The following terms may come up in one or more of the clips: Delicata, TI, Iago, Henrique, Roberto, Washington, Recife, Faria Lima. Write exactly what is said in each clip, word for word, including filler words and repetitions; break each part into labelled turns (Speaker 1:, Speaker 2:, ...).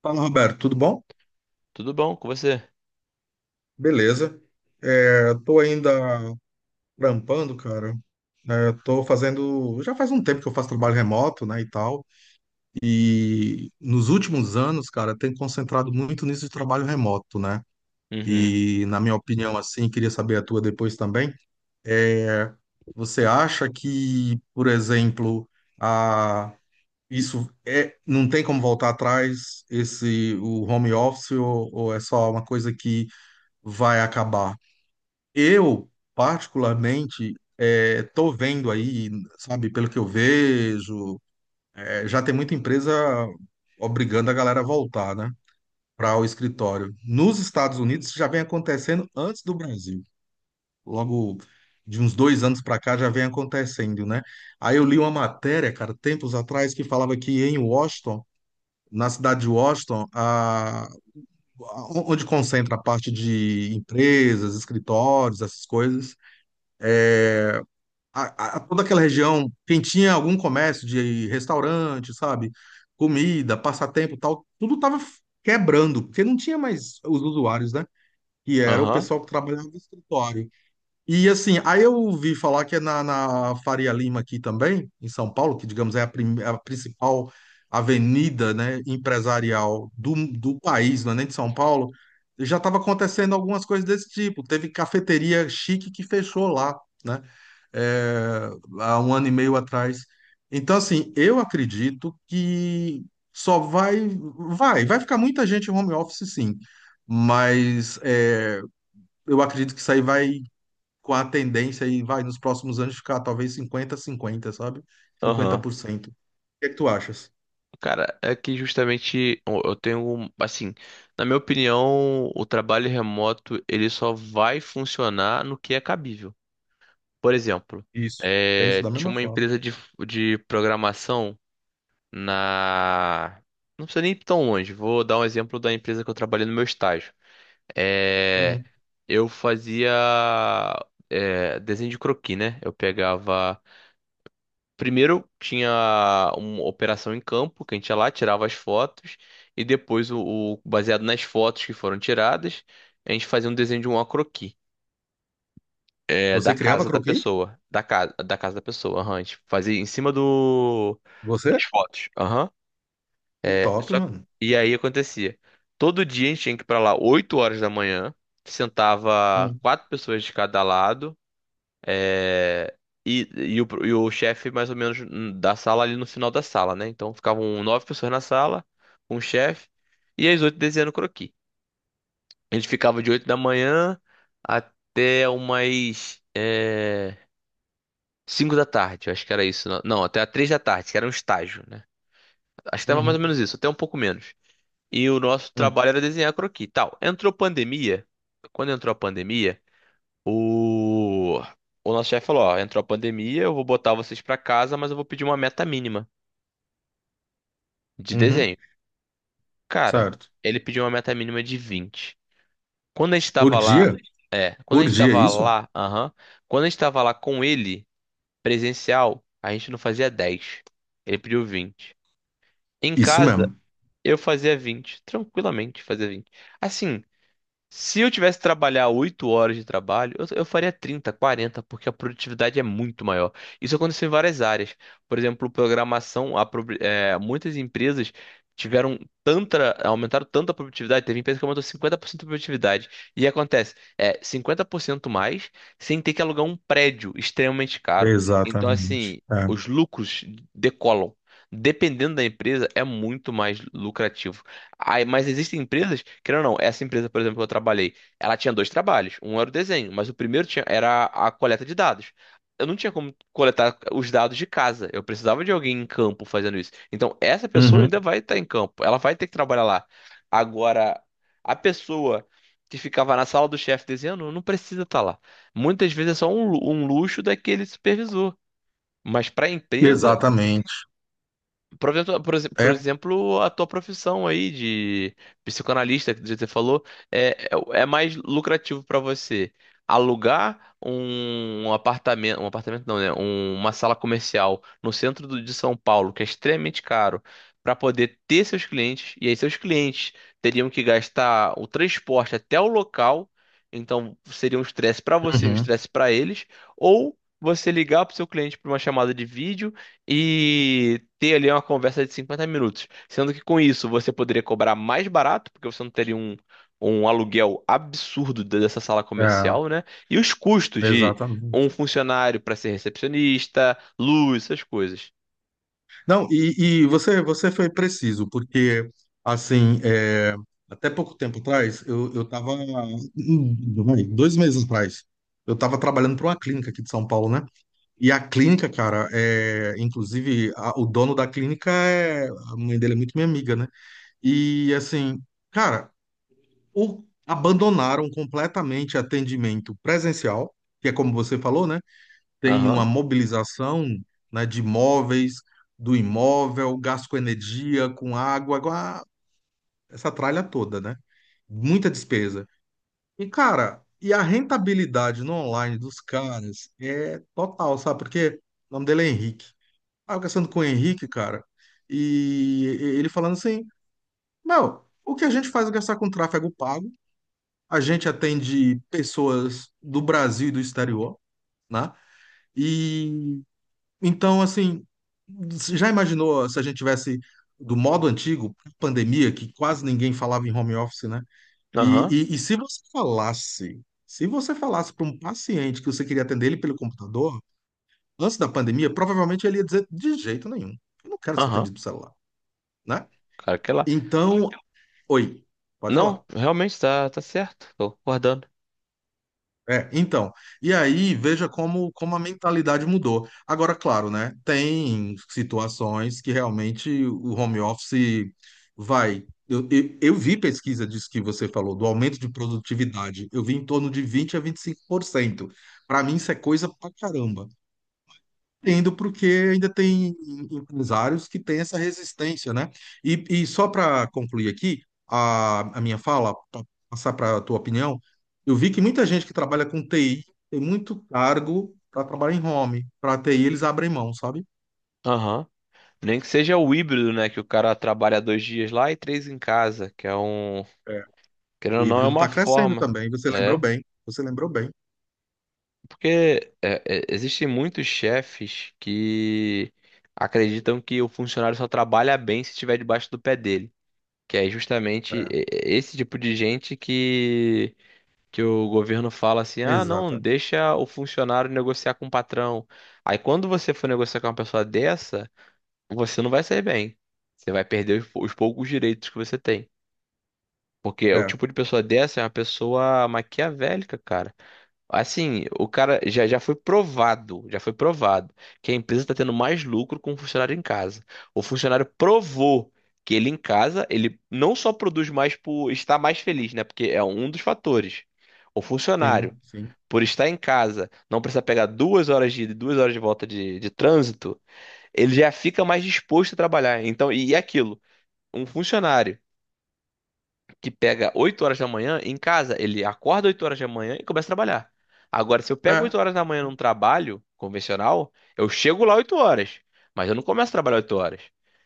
Speaker 1: Fala, Roberto, tudo bom?
Speaker 2: Tudo bom com você?
Speaker 1: Beleza. É, tô ainda trampando, cara. É, tô fazendo. Já faz um tempo que eu faço trabalho remoto, né, e tal. E nos últimos anos, cara, tenho concentrado muito nisso de trabalho remoto, né?
Speaker 2: Uhum.
Speaker 1: E, na minha opinião, assim, queria saber a tua depois também. É, você acha que, por exemplo, a. isso é, não tem como voltar atrás esse o home office ou ou é só uma coisa que vai acabar? Eu, particularmente, eh, tô vendo aí, sabe, pelo que eu vejo, eh, já tem muita empresa obrigando a galera a voltar, né, para o escritório. Nos Estados Unidos isso já vem acontecendo antes do Brasil. Logo de uns dois anos para cá já vem acontecendo, né? Aí eu li uma matéria, cara, tempos atrás, que falava que em Washington, na cidade de Washington, a, a- onde concentra a parte de empresas, escritórios, essas coisas a- a- toda aquela região, quem tinha algum comércio de restaurante, sabe? Comida, passatempo, e tal, tudo tava quebrando, porque não tinha mais os usuários, né? E era o
Speaker 2: Aham.
Speaker 1: pessoal que trabalhava no escritório. E assim, aí eu ouvi falar que é na, na Faria Lima aqui também, em São Paulo, que digamos é a, prim- é a principal avenida, né, empresarial do, do país, não é nem de São Paulo, já estava acontecendo algumas coisas desse tipo. Teve cafeteria chique que fechou lá, né, é, há um ano e meio atrás. Então, assim, eu acredito que só vai, vai, vai ficar muita gente em home office, sim, mas é, eu acredito que isso aí vai com a tendência aí, vai, nos próximos anos ficar talvez 50 cinquenta sabe?
Speaker 2: Aham.
Speaker 1: cinquenta por cento. O que é que tu achas?
Speaker 2: Cara, é que justamente eu eu tenho, um- assim, na minha opinião, o trabalho remoto ele só vai funcionar no que é cabível. Por exemplo,
Speaker 1: Isso. Penso
Speaker 2: é,
Speaker 1: da
Speaker 2: tinha
Speaker 1: mesma
Speaker 2: uma
Speaker 1: forma.
Speaker 2: empresa de, de programação na. Não precisa nem ir tão longe, vou dar um exemplo da empresa que eu trabalhei no meu estágio. É,
Speaker 1: Uhum.
Speaker 2: eu fazia, é, desenho de croquis, né? Eu pegava. Primeiro tinha uma operação em campo, que a gente ia lá, tirava as fotos, e depois, o, o- baseado nas fotos que foram tiradas, a gente fazia um desenho de um croquis, é,
Speaker 1: Você
Speaker 2: da
Speaker 1: criava
Speaker 2: casa da
Speaker 1: croquis?
Speaker 2: pessoa. Da, casa da casa da pessoa, aham, a gente fazia em cima do,
Speaker 1: Você?
Speaker 2: das fotos. Aham.
Speaker 1: Que
Speaker 2: É,
Speaker 1: top,
Speaker 2: só,
Speaker 1: mano.
Speaker 2: e aí acontecia. Todo dia a gente tinha que ir pra lá oito horas da manhã, sentava
Speaker 1: Hum,
Speaker 2: quatro pessoas de cada lado. É, E, e o, e o chefe, mais ou menos, hum, da sala ali no final da sala, né? Então ficavam nove pessoas na sala, um chefe, e as oito desenhando croquis. A gente ficava de oito da manhã até umas é, cinco da tarde, eu acho que era isso. Não, não, até a três da tarde, que era um estágio, né? Acho que tava mais ou
Speaker 1: Uhum.
Speaker 2: menos isso, até um pouco menos. E o nosso
Speaker 1: Hum,
Speaker 2: trabalho era desenhar croquis, tal. Entrou pandemia. Quando entrou a pandemia, O, o nosso chefe falou: Ó, entrou a pandemia, eu vou botar vocês pra casa, mas eu vou pedir uma meta mínima de
Speaker 1: uhum.
Speaker 2: desenho. Cara,
Speaker 1: Certo.
Speaker 2: ele pediu uma meta mínima de vinte. Quando a gente
Speaker 1: Por
Speaker 2: tava lá,
Speaker 1: dia?
Speaker 2: é, quando a
Speaker 1: Por
Speaker 2: gente
Speaker 1: dia,
Speaker 2: tava
Speaker 1: isso?
Speaker 2: lá, aham, quando a gente tava lá com ele, presencial, a gente não fazia dez. Ele pediu vinte. Em
Speaker 1: Isso
Speaker 2: casa,
Speaker 1: mesmo.
Speaker 2: eu fazia vinte, tranquilamente fazia vinte. Assim, se eu tivesse que trabalhar oito horas de trabalho, eu, eu faria trinta, quarenta, porque a produtividade é muito maior. Isso aconteceu em várias áreas. Por exemplo, programação, a pro- é, muitas empresas tiveram tanta, aumentaram tanto a produtividade, teve empresa que aumentou cinquenta por cento a produtividade. E acontece, é cinquenta por cento mais sem ter que alugar um prédio extremamente caro. Então, assim,
Speaker 1: Exatamente. É.
Speaker 2: os lucros decolam. Dependendo da empresa, é muito mais lucrativo. Aí, mas existem empresas, querendo ou não, essa empresa, por exemplo, que eu trabalhei, ela tinha dois trabalhos. Um era o desenho, mas o primeiro tinha- era a coleta de dados. Eu não tinha como coletar os dados de casa. Eu precisava de alguém em campo fazendo isso. Então, essa pessoa
Speaker 1: Uhum.
Speaker 2: ainda vai estar em campo. Ela vai ter que trabalhar lá. Agora, a pessoa que ficava na sala do chefe desenhando não precisa estar lá. Muitas vezes é só um, lu- um luxo daquele supervisor. Mas para a empresa.
Speaker 1: Exatamente.
Speaker 2: Por exemplo, por exe- por
Speaker 1: É.
Speaker 2: exemplo, a tua profissão aí de psicanalista, que você falou, é, é, é mais lucrativo para você alugar um apartamento, um apartamento não, né? Um- uma sala comercial no centro do- de São Paulo, que é extremamente caro, para poder ter seus clientes, e aí seus clientes teriam que gastar o transporte até o local, então seria um estresse para você, um
Speaker 1: Uhum.
Speaker 2: estresse para eles, ou você ligar para o seu cliente para uma chamada de vídeo e ter ali uma conversa de cinquenta minutos. Sendo que com isso você poderia cobrar mais barato, porque você não teria um, um aluguel absurdo de- dessa sala
Speaker 1: É.
Speaker 2: comercial, né? E os custos de um
Speaker 1: Exatamente.
Speaker 2: funcionário para ser recepcionista, luz, essas coisas.
Speaker 1: Não, e, e você, você foi preciso, porque, assim, é, até pouco tempo atrás, eu, eu tava, hum, vai, dois meses atrás, eu estava trabalhando para uma clínica aqui de São Paulo, né? E a clínica, cara, é, inclusive, a- o dono da clínica é, a mãe dele é muito minha amiga, né? E, assim, cara, o- abandonaram completamente atendimento presencial, que é como você falou, né? Tem uma
Speaker 2: Aham,
Speaker 1: mobilização, né, de móveis, do imóvel, gasto com energia, com água, agora essa tralha toda, né? Muita despesa. E, cara, e a rentabilidade no online dos caras é total, sabe? Porque o nome dele é Henrique. Ah, eu conversando com o Henrique, cara, e e- ele falando assim, meu, o que a gente faz é gastar com tráfego pago, a gente atende pessoas do Brasil e do exterior, né? E Então, assim, você já imaginou se a gente tivesse do modo antigo, pandemia, que quase ninguém falava em home office, né?
Speaker 2: aham,
Speaker 1: E, e, e se você falasse, se você falasse para um paciente que você queria atender ele pelo computador, antes da pandemia, provavelmente ele ia dizer de jeito nenhum. Eu não quero ser
Speaker 2: aham.
Speaker 1: atendido pelo celular, né?
Speaker 2: Cara, que lá.
Speaker 1: Então, oi, pode falar.
Speaker 2: Não, realmente tá, tá certo. Tô concordando.
Speaker 1: É, então, e aí veja como, como a mentalidade mudou. Agora, claro, né? Tem situações que realmente o home office vai. Eu, eu, eu vi pesquisa disso que você falou, do aumento de produtividade. Eu vi em torno de vinte a vinte e cinco por cento. Para mim, isso é coisa pra caramba. Entendo porque ainda tem empresários que têm essa resistência, né? E, e só para concluir aqui a, a minha fala, para passar para a tua opinião, eu vi que muita gente que trabalha com T I tem muito cargo para trabalhar em home. Para T I eles abrem mão, sabe?
Speaker 2: Aham. Nem que seja o híbrido, né? Que o cara trabalha dois dias lá e três em casa, que é um.
Speaker 1: É.
Speaker 2: Querendo
Speaker 1: O
Speaker 2: ou não, é
Speaker 1: híbrido
Speaker 2: uma
Speaker 1: está crescendo
Speaker 2: forma.
Speaker 1: também, você lembrou
Speaker 2: É.
Speaker 1: bem, você lembrou bem.
Speaker 2: Porque é, é, existem muitos chefes que acreditam que o funcionário só trabalha bem se estiver debaixo do pé dele. Que é justamente e-
Speaker 1: É,
Speaker 2: e- esse tipo de gente que, que o governo fala assim: ah, não,
Speaker 1: exatamente.
Speaker 2: deixa o funcionário negociar com o patrão. Aí quando você for negociar com uma pessoa dessa, você não vai sair bem. Você vai perder os, pou- os poucos direitos que você tem. Porque o
Speaker 1: É,
Speaker 2: tipo de pessoa dessa é uma pessoa maquiavélica, cara. Assim, o cara já, já foi provado, já foi provado que a empresa está tendo mais lucro com o funcionário em casa. O funcionário provou que ele em casa, ele não só produz mais por estar mais feliz, né? Porque é um dos fatores. O funcionário,
Speaker 1: sim, sim.
Speaker 2: por estar em casa, não precisa pegar duas horas de ida e duas horas de volta de, de trânsito, ele já fica mais disposto a trabalhar. Então, e e aquilo, um funcionário que pega oito horas da manhã em casa, ele acorda oito horas da manhã e começa a trabalhar. Agora, se eu pego
Speaker 1: É,
Speaker 2: oito horas da manhã num trabalho convencional, eu chego lá oito horas, mas eu não começo a trabalhar oito horas.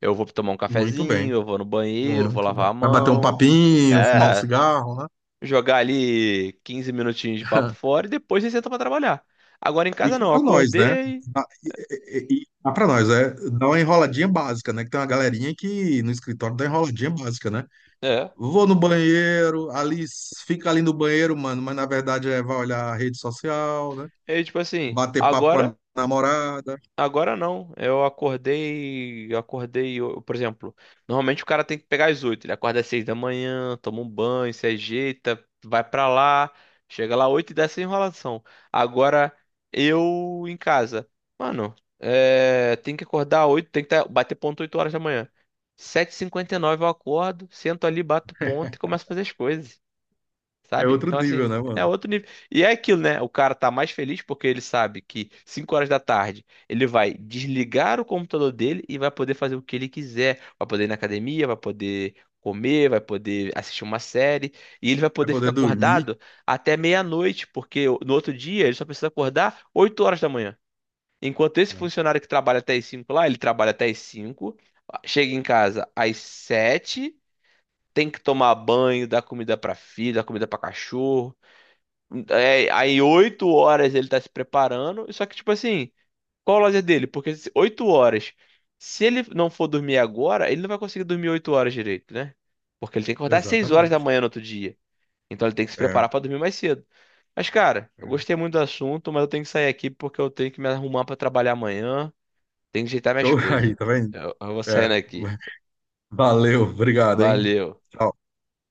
Speaker 2: Eu vou tomar um
Speaker 1: muito
Speaker 2: cafezinho,
Speaker 1: bem,
Speaker 2: eu vou no banheiro, vou
Speaker 1: muito bem.
Speaker 2: lavar a
Speaker 1: Vai bater um
Speaker 2: mão.
Speaker 1: papinho, fumar um
Speaker 2: É,
Speaker 1: cigarro, né?
Speaker 2: jogar ali quinze minutinhos de papo fora e depois você senta pra trabalhar. Agora em
Speaker 1: E
Speaker 2: casa
Speaker 1: cá
Speaker 2: não, eu
Speaker 1: pra nós, né?
Speaker 2: acordei.
Speaker 1: Ah, E, e, e cá pra nós, é, dá uma enroladinha básica, né? Que tem uma galerinha que no escritório dá enroladinha básica, né?
Speaker 2: É.
Speaker 1: Vou no banheiro, ali s- fica ali no banheiro, mano, mas na verdade é vai olhar a rede social, né?
Speaker 2: E tipo assim,
Speaker 1: Bater papo com
Speaker 2: agora
Speaker 1: a namorada.
Speaker 2: Agora não. Eu acordei, acordei, eu- por exemplo, normalmente o cara tem que pegar às oito. Ele acorda às seis da manhã, toma um banho, se ajeita, vai pra lá, chega lá às oito e dá essa enrolação. Agora eu em casa, mano, é, tem que acordar às oito, tem que tá- bater ponto oito horas da manhã. Sete e cinquenta e nove eu acordo, sento ali, bato ponto e começo a fazer as coisas.
Speaker 1: É
Speaker 2: Sabe?
Speaker 1: outro
Speaker 2: Então, assim,
Speaker 1: nível, né,
Speaker 2: é
Speaker 1: mano?
Speaker 2: outro nível. E é aquilo, né? O cara tá mais feliz porque ele sabe que cinco horas da tarde ele vai desligar o computador dele e vai poder fazer o que ele quiser. Vai poder ir na academia, vai poder comer, vai poder assistir uma série. E ele vai
Speaker 1: Vai
Speaker 2: poder ficar
Speaker 1: poder dormir,
Speaker 2: acordado até meia-noite, porque no outro dia ele só precisa acordar oito horas da manhã. Enquanto esse
Speaker 1: né?
Speaker 2: funcionário que trabalha até as cinco lá, ele trabalha até as cinco, chega em casa às sete. Tem que tomar banho, dar comida pra filho, dar comida pra cachorro, é, aí oito horas ele tá se preparando. Só que, tipo assim, qual o lazer dele? Porque se- oito horas. Se ele não for dormir agora, ele não vai conseguir dormir oito horas direito, né? Porque ele tem que acordar às seis horas da
Speaker 1: Exatamente.
Speaker 2: manhã no outro dia. Então ele tem que se preparar
Speaker 1: É,
Speaker 2: pra dormir mais cedo. Mas, cara, eu
Speaker 1: é.
Speaker 2: gostei muito do assunto, mas eu tenho que sair aqui porque eu tenho que me arrumar pra trabalhar amanhã. Tenho que ajeitar minhas
Speaker 1: Show
Speaker 2: coisas.
Speaker 1: aí, tá vendo?
Speaker 2: Eu, eu vou saindo
Speaker 1: É.
Speaker 2: aqui.
Speaker 1: Valeu, obrigado, hein?
Speaker 2: Valeu.
Speaker 1: Tchau.